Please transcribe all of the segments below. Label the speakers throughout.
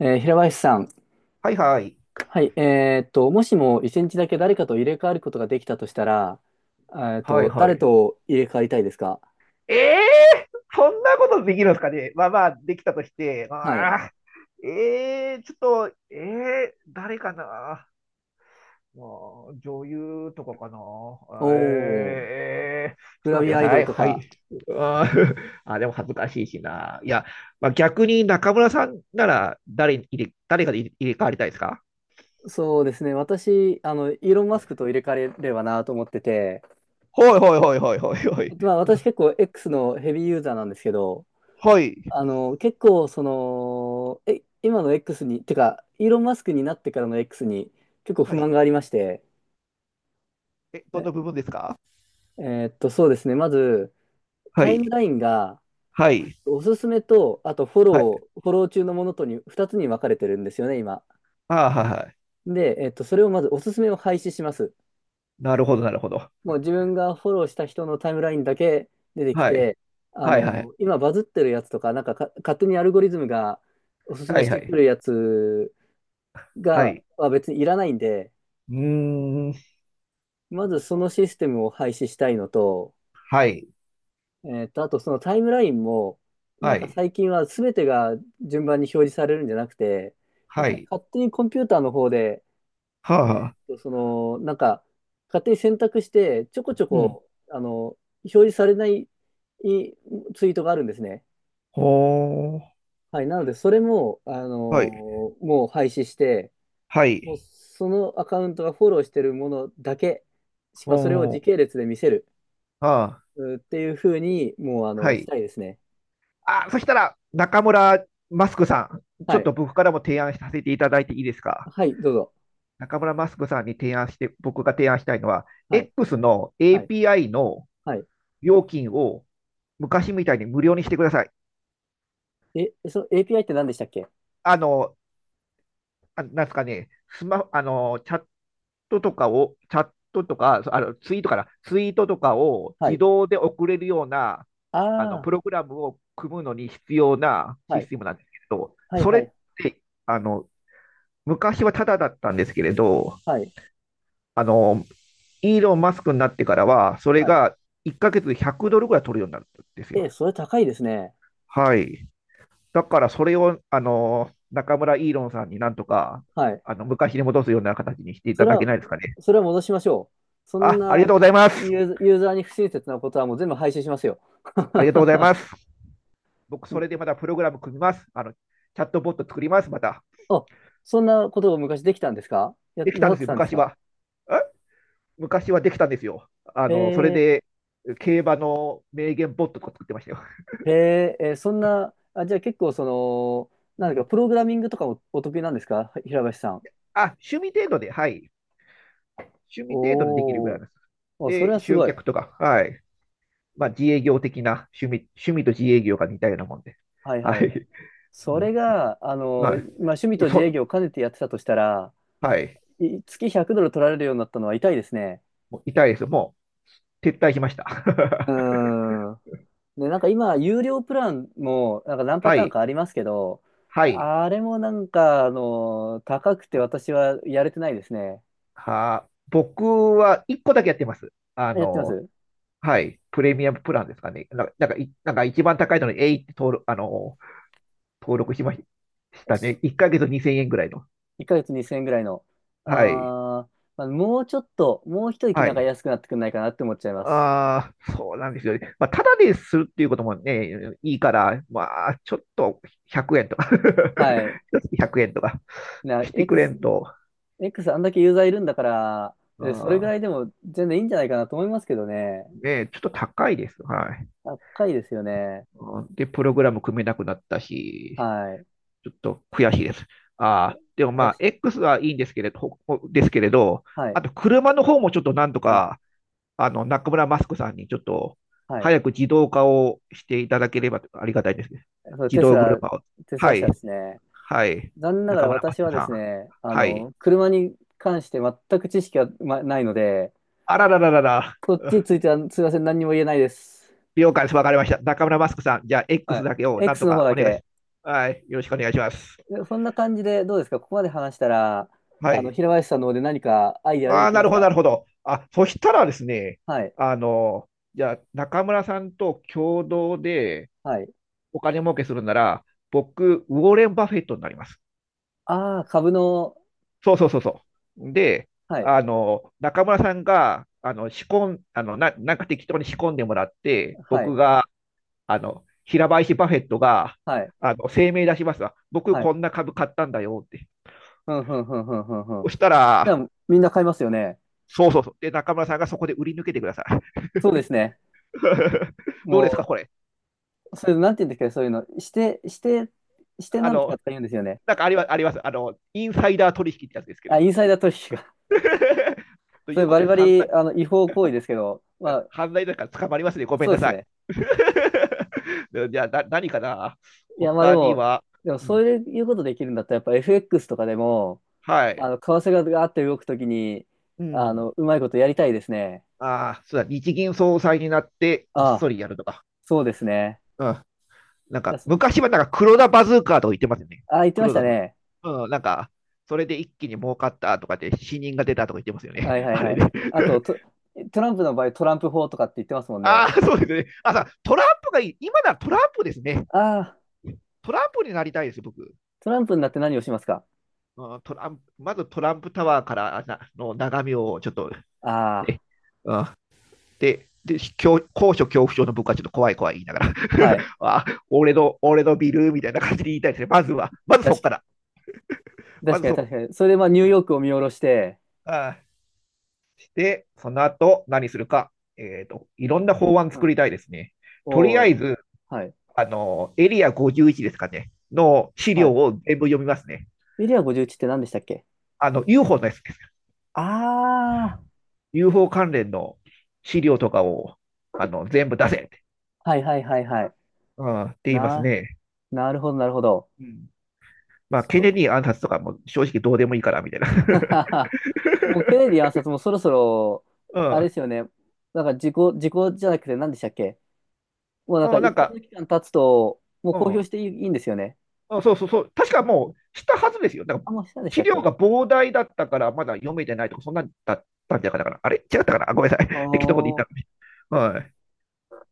Speaker 1: 平林さん、
Speaker 2: はいはい。
Speaker 1: はい、もしも一日だけ誰かと入れ替わることができたとしたら、
Speaker 2: はいは
Speaker 1: 誰
Speaker 2: い。
Speaker 1: と入れ替わりたいですか？
Speaker 2: ええーそんなことできるんですかね。まあまあ、できたとして。
Speaker 1: はい。
Speaker 2: まあーええーちょっと、ええー誰かな。まあ、女優とかかな。
Speaker 1: おー、
Speaker 2: ええー
Speaker 1: グ
Speaker 2: ち
Speaker 1: ラ
Speaker 2: ょっと待
Speaker 1: ビ
Speaker 2: って
Speaker 1: ア
Speaker 2: く
Speaker 1: ア
Speaker 2: だ
Speaker 1: イド
Speaker 2: さ
Speaker 1: ル
Speaker 2: い。
Speaker 1: と
Speaker 2: はい。
Speaker 1: か。
Speaker 2: あー あ、でも恥ずかしいしな。いや、まあ、逆に中村さんなら誰かで入れ替わりたいですか？
Speaker 1: そうですね、私、イーロン・マスクと入れ替えればなと思ってて、
Speaker 2: はいはいはいはいはいは
Speaker 1: ま
Speaker 2: い。
Speaker 1: あ、私結構 X のヘビーユーザーなんですけど、
Speaker 2: はい。
Speaker 1: 結構、今の X に、てか、イーロン・マスクになってからの X に結構不
Speaker 2: は
Speaker 1: 満
Speaker 2: い。
Speaker 1: がありまして、
Speaker 2: え、どの
Speaker 1: え、
Speaker 2: 部分ですか？
Speaker 1: えーっと、そうですね、まず、
Speaker 2: は
Speaker 1: タイム
Speaker 2: い。
Speaker 1: ラインが、
Speaker 2: はい。
Speaker 1: おすすめと、あと
Speaker 2: はい。
Speaker 1: フォロー中のものとに2つに分かれてるんですよね、今。
Speaker 2: ああ、はいはい。
Speaker 1: で、それをまずおすすめを廃止します。
Speaker 2: なるほど、なるほど。
Speaker 1: もう自分がフォローした人のタイムラインだけ出てき
Speaker 2: はい。
Speaker 1: て、
Speaker 2: はい、はい。
Speaker 1: 今バズってるやつとか、なんか、勝手にアルゴリズムがおすす
Speaker 2: は
Speaker 1: めし
Speaker 2: い、は
Speaker 1: てく
Speaker 2: い。
Speaker 1: るやつ
Speaker 2: はい。
Speaker 1: は別にいらないんで、
Speaker 2: うーん。
Speaker 1: まずそのシステムを廃止したいのと、
Speaker 2: はい。
Speaker 1: あとそのタイムラインも、なん
Speaker 2: は
Speaker 1: か
Speaker 2: い。
Speaker 1: 最近は全てが順番に表示されるんじゃなくて、やっ
Speaker 2: は
Speaker 1: ぱり
Speaker 2: い。
Speaker 1: 勝手にコンピューターの方で、
Speaker 2: は
Speaker 1: え
Speaker 2: あ、は
Speaker 1: ーっ
Speaker 2: あ。
Speaker 1: と、その、なんか、勝手に選択して、ちょこちょ
Speaker 2: うん。
Speaker 1: こ、表示されないいツイートがあるんですね。
Speaker 2: ほー。
Speaker 1: はい。なので、それも、
Speaker 2: はい。
Speaker 1: もう廃止して、
Speaker 2: は
Speaker 1: もう
Speaker 2: い。
Speaker 1: そのアカウントがフォローしてるものだけ、しかもそれを
Speaker 2: ほ
Speaker 1: 時
Speaker 2: ー。
Speaker 1: 系列で見せる
Speaker 2: はあ。
Speaker 1: っていうふうに、もう、
Speaker 2: は
Speaker 1: し
Speaker 2: い。
Speaker 1: たいですね。
Speaker 2: あ、そしたら、中村マスクさん、ちょ
Speaker 1: は
Speaker 2: っ
Speaker 1: い。
Speaker 2: と僕からも提案させていただいていいですか？
Speaker 1: はい、どうぞ。
Speaker 2: 中村マスクさんに提案して、僕が提案したいのは、
Speaker 1: はい。
Speaker 2: X の
Speaker 1: はい。
Speaker 2: API の
Speaker 1: はい。
Speaker 2: 料金を昔みたいに無料にしてください。
Speaker 1: え、その API って何でしたっけ？
Speaker 2: あの、なんすかね、スマ、あの、チャットとかを、チャットとか、あの、ツイートから、ツイートとかを
Speaker 1: は
Speaker 2: 自
Speaker 1: い。
Speaker 2: 動で送れるような、プ
Speaker 1: あ
Speaker 2: ログラムを組むのに必要な
Speaker 1: あ、
Speaker 2: シ
Speaker 1: は
Speaker 2: ス
Speaker 1: い。
Speaker 2: テムなんですけれど、
Speaker 1: はい、
Speaker 2: そ
Speaker 1: は
Speaker 2: れっ
Speaker 1: い、
Speaker 2: て、あの、昔はタダだったんですけれど、
Speaker 1: はい。
Speaker 2: あの、イーロン・マスクになってからは、それ
Speaker 1: はい。
Speaker 2: が1ヶ月で100ドルぐらい取るようになったんです
Speaker 1: え、
Speaker 2: よ。
Speaker 1: それ高いですね。
Speaker 2: はい。だからそれを、中村イーロンさんになんとか、
Speaker 1: はい。
Speaker 2: 昔に戻すような形にしてい
Speaker 1: そ
Speaker 2: た
Speaker 1: れ
Speaker 2: だけ
Speaker 1: は、
Speaker 2: ないですかね。
Speaker 1: それは戻しましょう。そん
Speaker 2: あ、あり
Speaker 1: な
Speaker 2: がとうございます。
Speaker 1: ユーザーに不親切なことはもう全部廃止しますよ。
Speaker 2: ありがとうござい ます。僕、それでまたプログラム組みます。チャットボット作ります。また。
Speaker 1: あ、そんなことを昔できたんですか？
Speaker 2: でき
Speaker 1: な
Speaker 2: たん
Speaker 1: さ
Speaker 2: で
Speaker 1: っ
Speaker 2: す
Speaker 1: て
Speaker 2: よ、
Speaker 1: たんです
Speaker 2: 昔
Speaker 1: か？
Speaker 2: は。え昔はできたんですよ。
Speaker 1: へ
Speaker 2: それ
Speaker 1: え、
Speaker 2: で、競馬の名言ボットとか作ってましたよ。
Speaker 1: へえ、そんな、あ、じゃあ結構
Speaker 2: う
Speaker 1: なんだ
Speaker 2: ん。
Speaker 1: か、プログラミングとかもお得意なんですか？平林さん。
Speaker 2: あ、趣味程度で、はい。趣味程度でできるぐら
Speaker 1: お
Speaker 2: い
Speaker 1: ー、
Speaker 2: です。
Speaker 1: お、それ
Speaker 2: で、
Speaker 1: はす
Speaker 2: 集
Speaker 1: ごい。
Speaker 2: 客とか、はい。まあ、自営業的な趣味と自営業が似たようなもんで。
Speaker 1: はい
Speaker 2: は
Speaker 1: はい。
Speaker 2: い。
Speaker 1: そ
Speaker 2: う
Speaker 1: れが、
Speaker 2: ん、
Speaker 1: まあ、
Speaker 2: はい。
Speaker 1: 趣味と自営
Speaker 2: そ、
Speaker 1: 業を兼ねてやってたとしたら、
Speaker 2: はい。
Speaker 1: 月100ドル取られるようになったのは痛いですね。
Speaker 2: もう痛いです。もう撤退しました。
Speaker 1: う ーん。で、なんか今、有料プランも、なんか何パ
Speaker 2: は
Speaker 1: ターン
Speaker 2: い。
Speaker 1: かありますけど、
Speaker 2: はい。
Speaker 1: あれもなんか、高くて私はやれてないですね。
Speaker 2: 僕は1個だけやってます。
Speaker 1: やってます？
Speaker 2: はい。プレミアムプランですかね。なんか一番高いのに、えいって登録しましたね。1ヶ月2000円ぐらいの。
Speaker 1: 1ヶ月2000円ぐらいの。あー、
Speaker 2: はい。
Speaker 1: まあ、もうちょっと、もう一息
Speaker 2: は
Speaker 1: なんか
Speaker 2: い。
Speaker 1: 安くなってくんないかなって思っちゃいます。
Speaker 2: ああ、そうなんですよね。まあ、ただでするっていうこともね、いいから、まあ、ちょっと1円とか
Speaker 1: はい。
Speaker 2: 一月100円とか
Speaker 1: な、
Speaker 2: してくれ
Speaker 1: X、
Speaker 2: んと、
Speaker 1: X あんだけユーザーいるんだから、それぐ
Speaker 2: あ
Speaker 1: らいでも全然いいんじゃないかなと思いますけどね。
Speaker 2: ね、ちょっと高いです。はい。
Speaker 1: 高いですよね。
Speaker 2: うん。で、プログラム組めなくなったし、
Speaker 1: はい。
Speaker 2: ちょっと悔しいです。ああ、でもま
Speaker 1: 悔
Speaker 2: あ、
Speaker 1: し
Speaker 2: X はいいんですけれど、ほですけれど、
Speaker 1: は
Speaker 2: あ
Speaker 1: い。
Speaker 2: と車の方もちょっとなんと
Speaker 1: あ、
Speaker 2: か、中村マスクさんにちょっと、
Speaker 1: はい。
Speaker 2: 早く自動化をしていただければありがたいですね。
Speaker 1: そう、
Speaker 2: 自動車を。
Speaker 1: テス
Speaker 2: は
Speaker 1: ラ
Speaker 2: い。
Speaker 1: 社ですね。
Speaker 2: はい。
Speaker 1: 残念なが
Speaker 2: 中
Speaker 1: ら
Speaker 2: 村マ
Speaker 1: 私
Speaker 2: ス
Speaker 1: は
Speaker 2: ク
Speaker 1: で
Speaker 2: さん。
Speaker 1: すね、
Speaker 2: はい。
Speaker 1: 車に関して全く知識はないので、
Speaker 2: あららららら。
Speaker 1: こっちについてはすいません、何にも言えないです。
Speaker 2: 了解です。わかりました。中村マスクさん、じゃあ
Speaker 1: は
Speaker 2: X
Speaker 1: い。
Speaker 2: だけをなん
Speaker 1: X
Speaker 2: と
Speaker 1: の方
Speaker 2: かお
Speaker 1: だ
Speaker 2: 願いし
Speaker 1: け。
Speaker 2: ます。はい。よろしくお願いします。
Speaker 1: でそんな感じでどうですか？ここまで話したら、
Speaker 2: はい。
Speaker 1: 平林さんの方で何かアイデア出
Speaker 2: あ
Speaker 1: て
Speaker 2: あ、
Speaker 1: き
Speaker 2: な
Speaker 1: ま
Speaker 2: る
Speaker 1: し
Speaker 2: ほど、な
Speaker 1: た？
Speaker 2: るほど。あ、そしたらですね、
Speaker 1: はい。
Speaker 2: あの、じゃあ中村さんと共同で
Speaker 1: はい。
Speaker 2: お金儲けするなら、僕、ウォーレン・バフェットになります。
Speaker 1: ああ、株の、
Speaker 2: そうそうそうそう。で、
Speaker 1: はい。
Speaker 2: 中村さんが、あの、仕込ん、あの、な、なんか適当に仕込んでもらって、
Speaker 1: は
Speaker 2: 僕
Speaker 1: い。
Speaker 2: が、平林バフェットが、
Speaker 1: はい。
Speaker 2: 声明出しますわ。僕、
Speaker 1: はい。
Speaker 2: こんな株買ったんだよって。
Speaker 1: ふんふんふんふんふんふ
Speaker 2: そ
Speaker 1: ん。
Speaker 2: した
Speaker 1: じゃ
Speaker 2: ら、
Speaker 1: あ、みんな買いますよね。
Speaker 2: そうそうそう。で、中村さんがそこで売り抜けてください。
Speaker 1: そうですね。
Speaker 2: どうです
Speaker 1: も
Speaker 2: か、これ。
Speaker 1: う、それ、なんて言うんですか、そういうの。して
Speaker 2: あ
Speaker 1: なんと
Speaker 2: の、
Speaker 1: かとか言うんですよね。
Speaker 2: なんかありますあります。インサイダー取引ってやつですけ
Speaker 1: あ、
Speaker 2: ど。
Speaker 1: インサイダー取
Speaker 2: と
Speaker 1: そ
Speaker 2: い
Speaker 1: れ
Speaker 2: うこ
Speaker 1: バ
Speaker 2: と
Speaker 1: リ
Speaker 2: で、
Speaker 1: バリ、違法行為ですけど、まあ、
Speaker 2: 犯罪だから捕まりますね。ごめん
Speaker 1: そう
Speaker 2: な
Speaker 1: です
Speaker 2: さい。
Speaker 1: ね。
Speaker 2: じゃあ、何かな、
Speaker 1: いや、まあで
Speaker 2: 他に
Speaker 1: も、
Speaker 2: は、う
Speaker 1: そ
Speaker 2: ん、
Speaker 1: ういうことできるんだったら、やっぱ FX とかでも、
Speaker 2: はい。
Speaker 1: 為替がガーって動くときに、
Speaker 2: うん。
Speaker 1: うまいことやりたいですね。
Speaker 2: ああ、そうだ、日銀総裁になってこ
Speaker 1: あ
Speaker 2: っそ
Speaker 1: あ、
Speaker 2: りやるとか。
Speaker 1: そうですね。
Speaker 2: うん。なん
Speaker 1: いや
Speaker 2: か、
Speaker 1: そ
Speaker 2: 昔はなんか黒田バズーカーとか言ってますよね。
Speaker 1: ああ、言ってまし
Speaker 2: 黒
Speaker 1: た
Speaker 2: 田さん。
Speaker 1: ね。
Speaker 2: うん、なんか、それで一気に儲かったとかって死人が出たとか言ってますよね。
Speaker 1: はい はい
Speaker 2: あれ
Speaker 1: は
Speaker 2: で。
Speaker 1: い。あと、トランプの場合、トランプ法とかって言ってますも ん
Speaker 2: あ
Speaker 1: ね。
Speaker 2: あ、そうですね。あ、トランプがいい。今ならトランプですね。
Speaker 1: ああ、
Speaker 2: トランプになりたいですよ、僕。
Speaker 1: トランプになって何をしますか？
Speaker 2: うん、トランプまずトランプタワーからの眺めをちょっと、
Speaker 1: あ
Speaker 2: ね。うん、で、高所恐怖症の僕はちょっと怖い怖い言いながら
Speaker 1: あ、はい。
Speaker 2: あ、俺のビルみたいな感じで言いたいですね。まずは、まずそっ
Speaker 1: 確か
Speaker 2: から。
Speaker 1: に、
Speaker 2: ま
Speaker 1: 確
Speaker 2: ず
Speaker 1: かに、
Speaker 2: そっ
Speaker 1: 確かに。それで、まあ、ニューヨークを見下ろして、
Speaker 2: から、で、その後何するか、いろんな法案
Speaker 1: う
Speaker 2: 作り
Speaker 1: ん、
Speaker 2: たいですね。
Speaker 1: お
Speaker 2: とりあえ
Speaker 1: お、
Speaker 2: ず、
Speaker 1: はい。
Speaker 2: エリア51ですかね、の資
Speaker 1: は
Speaker 2: 料
Speaker 1: い。
Speaker 2: を全部読みますね。
Speaker 1: エリア51って何でしたっけ？
Speaker 2: UFO のやつです。
Speaker 1: ああ
Speaker 2: UFO 関連の資料とかを、全部出せって、
Speaker 1: ー、はいはいはいはい。
Speaker 2: うん、って言います
Speaker 1: な、
Speaker 2: ね。
Speaker 1: なるほどなるほど。
Speaker 2: うん。まあ、ケネ
Speaker 1: そ
Speaker 2: ディ暗殺とかも正直どうでもいいから、みたいな。
Speaker 1: もうケネディ暗殺もそろそろ、あれですよ ね。なんか時効じゃなくて何でしたっけ？もうな
Speaker 2: う
Speaker 1: ん
Speaker 2: ん。
Speaker 1: か
Speaker 2: うん、な
Speaker 1: 一
Speaker 2: ん
Speaker 1: 定
Speaker 2: か、
Speaker 1: の期間経つと、もう
Speaker 2: う
Speaker 1: 公表
Speaker 2: ん。
Speaker 1: していいんですよね。
Speaker 2: あ、そうそうそう、確かもうしたはずですよ。だか
Speaker 1: あ、もうしたんで
Speaker 2: ら
Speaker 1: した
Speaker 2: 資
Speaker 1: っ
Speaker 2: 料
Speaker 1: け？
Speaker 2: が膨大だったから、まだ読めてないとか、そんなんだったんじゃなかったかな。あれ違ったかな、あ、ごめんなさい。適当なこと言っ
Speaker 1: お
Speaker 2: たかも
Speaker 1: ー。
Speaker 2: しれない。はい。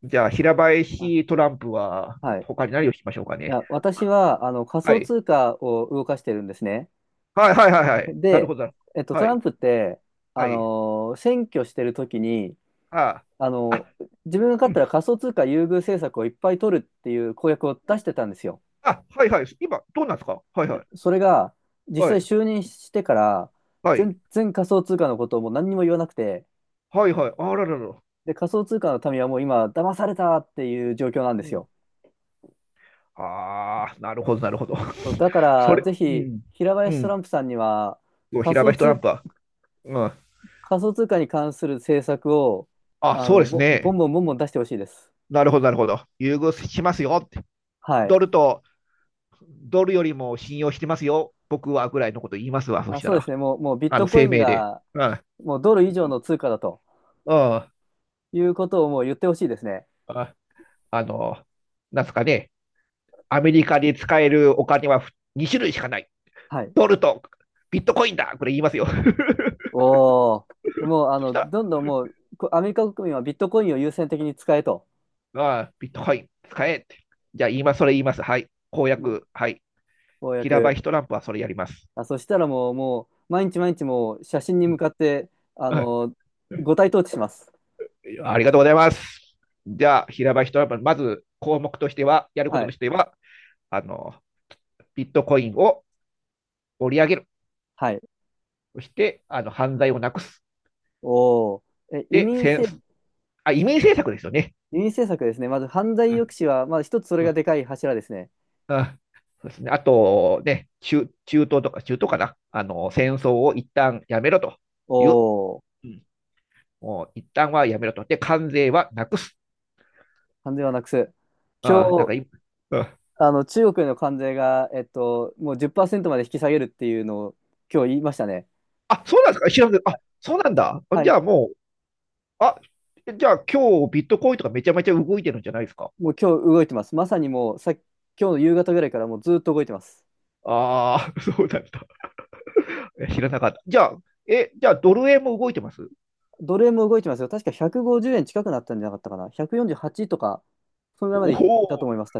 Speaker 2: じゃあ、平
Speaker 1: あ
Speaker 2: 林トランプは、
Speaker 1: はい。い
Speaker 2: 他に何をしましょうかね。
Speaker 1: や、私は、仮
Speaker 2: は
Speaker 1: 想
Speaker 2: い。
Speaker 1: 通貨を動かしてるんですね。
Speaker 2: はいはいはいはい。なる
Speaker 1: で、
Speaker 2: ほど。
Speaker 1: ト
Speaker 2: は
Speaker 1: ラ
Speaker 2: い。
Speaker 1: ンプって、
Speaker 2: はい。
Speaker 1: 選挙してる時に、
Speaker 2: あ
Speaker 1: あ
Speaker 2: あ。
Speaker 1: の、
Speaker 2: あ、
Speaker 1: 自分が勝ったら仮想通貨優遇政策をいっぱい取るっていう公約を
Speaker 2: う
Speaker 1: 出
Speaker 2: ん。
Speaker 1: してたんですよ。
Speaker 2: あ、はいはい。今、どうなんですか？はいはい。
Speaker 1: それが、実
Speaker 2: は
Speaker 1: 際
Speaker 2: い。
Speaker 1: 就任してから、
Speaker 2: はい。
Speaker 1: 全然仮想通貨のことをもう何にも言わなくて、
Speaker 2: はいはい。あらららら。
Speaker 1: で、仮想通貨の民はもう今、騙されたっていう状況なんで
Speaker 2: う
Speaker 1: す
Speaker 2: ん。
Speaker 1: よ。
Speaker 2: ああ、なるほど、なるほど。
Speaker 1: そうだか
Speaker 2: そ
Speaker 1: ら、
Speaker 2: れ、
Speaker 1: ぜ
Speaker 2: う
Speaker 1: ひ、
Speaker 2: ん。
Speaker 1: 平
Speaker 2: う
Speaker 1: 林トラ
Speaker 2: ん。
Speaker 1: ンプさんには、
Speaker 2: そう、
Speaker 1: 仮
Speaker 2: 平
Speaker 1: 想
Speaker 2: 林トラン
Speaker 1: 通、
Speaker 2: プは、うん。
Speaker 1: 仮想通貨に関する政策を、
Speaker 2: あ、そうです
Speaker 1: ボ
Speaker 2: ね。
Speaker 1: ンボンボンボン出してほしいです。
Speaker 2: なるほど、なるほど。優遇しますよって。
Speaker 1: はい。
Speaker 2: ドルと、ドルよりも信用してますよ。僕はぐらいのこと言いますわ。そ
Speaker 1: あ、
Speaker 2: した
Speaker 1: そうで
Speaker 2: ら、
Speaker 1: すね。もうビットコイ
Speaker 2: 声
Speaker 1: ン
Speaker 2: 明で。
Speaker 1: が、
Speaker 2: うん。
Speaker 1: もうドル以上の通貨だと。
Speaker 2: うん。
Speaker 1: いうことをもう言ってほしいですね。
Speaker 2: あ、あの、なんすかね。アメリカで使えるお金は2種類しかない。
Speaker 1: はい。
Speaker 2: ドルとビットコインだ、これ言いますよ。
Speaker 1: おー。でもう、
Speaker 2: そした
Speaker 1: どんどんもう、アメリカ国民はビットコインを優先的に使えと。
Speaker 2: ら、ああ、ビットコイン使えって。じゃあ、今それ言います。はい。公
Speaker 1: もう
Speaker 2: 約、はい。
Speaker 1: 公
Speaker 2: 平場
Speaker 1: 約。
Speaker 2: イトランプはそれやります。
Speaker 1: あ、そしたらもう、毎日毎日もう、写真に
Speaker 2: う
Speaker 1: 向
Speaker 2: ん、
Speaker 1: かって、あの、五体投地します。
Speaker 2: ありがとうございます。じゃあ、平場一山、まず項目としては、やるこ
Speaker 1: は
Speaker 2: と
Speaker 1: い。
Speaker 2: としては、あの、ビットコインを盛り上げる。
Speaker 1: はい。
Speaker 2: そして、犯罪をなくす。
Speaker 1: おー。え、
Speaker 2: で、あ、移民政策ですよね。
Speaker 1: 移民政策ですね。まず、犯罪
Speaker 2: う
Speaker 1: 抑
Speaker 2: ん。
Speaker 1: 止は、まず一つそれ
Speaker 2: う
Speaker 1: が
Speaker 2: ん。
Speaker 1: でかい柱ですね。
Speaker 2: うん。そうですね。あと、ね、中東とか、中東かな。戦争を一旦やめろという。
Speaker 1: おー。
Speaker 2: うん。もう一旦はやめろと。で、関税はなくす。
Speaker 1: 関税はなくす。今
Speaker 2: あなん
Speaker 1: 日、
Speaker 2: かい、うん。
Speaker 1: 中国への関税が、もう10%まで引き下げるっていうのを、今日言いましたね。
Speaker 2: あ、そうなんですか、知らんけど、あ、そうなんだ。
Speaker 1: は
Speaker 2: じ
Speaker 1: い。
Speaker 2: ゃあもあ、じゃあ今日ビットコインとかめちゃめちゃ動いてるんじゃないですか。
Speaker 1: もう今日動いてます。まさにもうさ、今日の夕方ぐらいからもうずっと動いてます。
Speaker 2: ああー、そうだった。知らなかった。じゃあ、え、じゃあドル円も動いてます？
Speaker 1: どれも動いてますよ。確か150円近くなったんじゃなかったかな。148とか、そのぐらいま
Speaker 2: お
Speaker 1: でいった
Speaker 2: お
Speaker 1: と
Speaker 2: ー。
Speaker 1: 思います。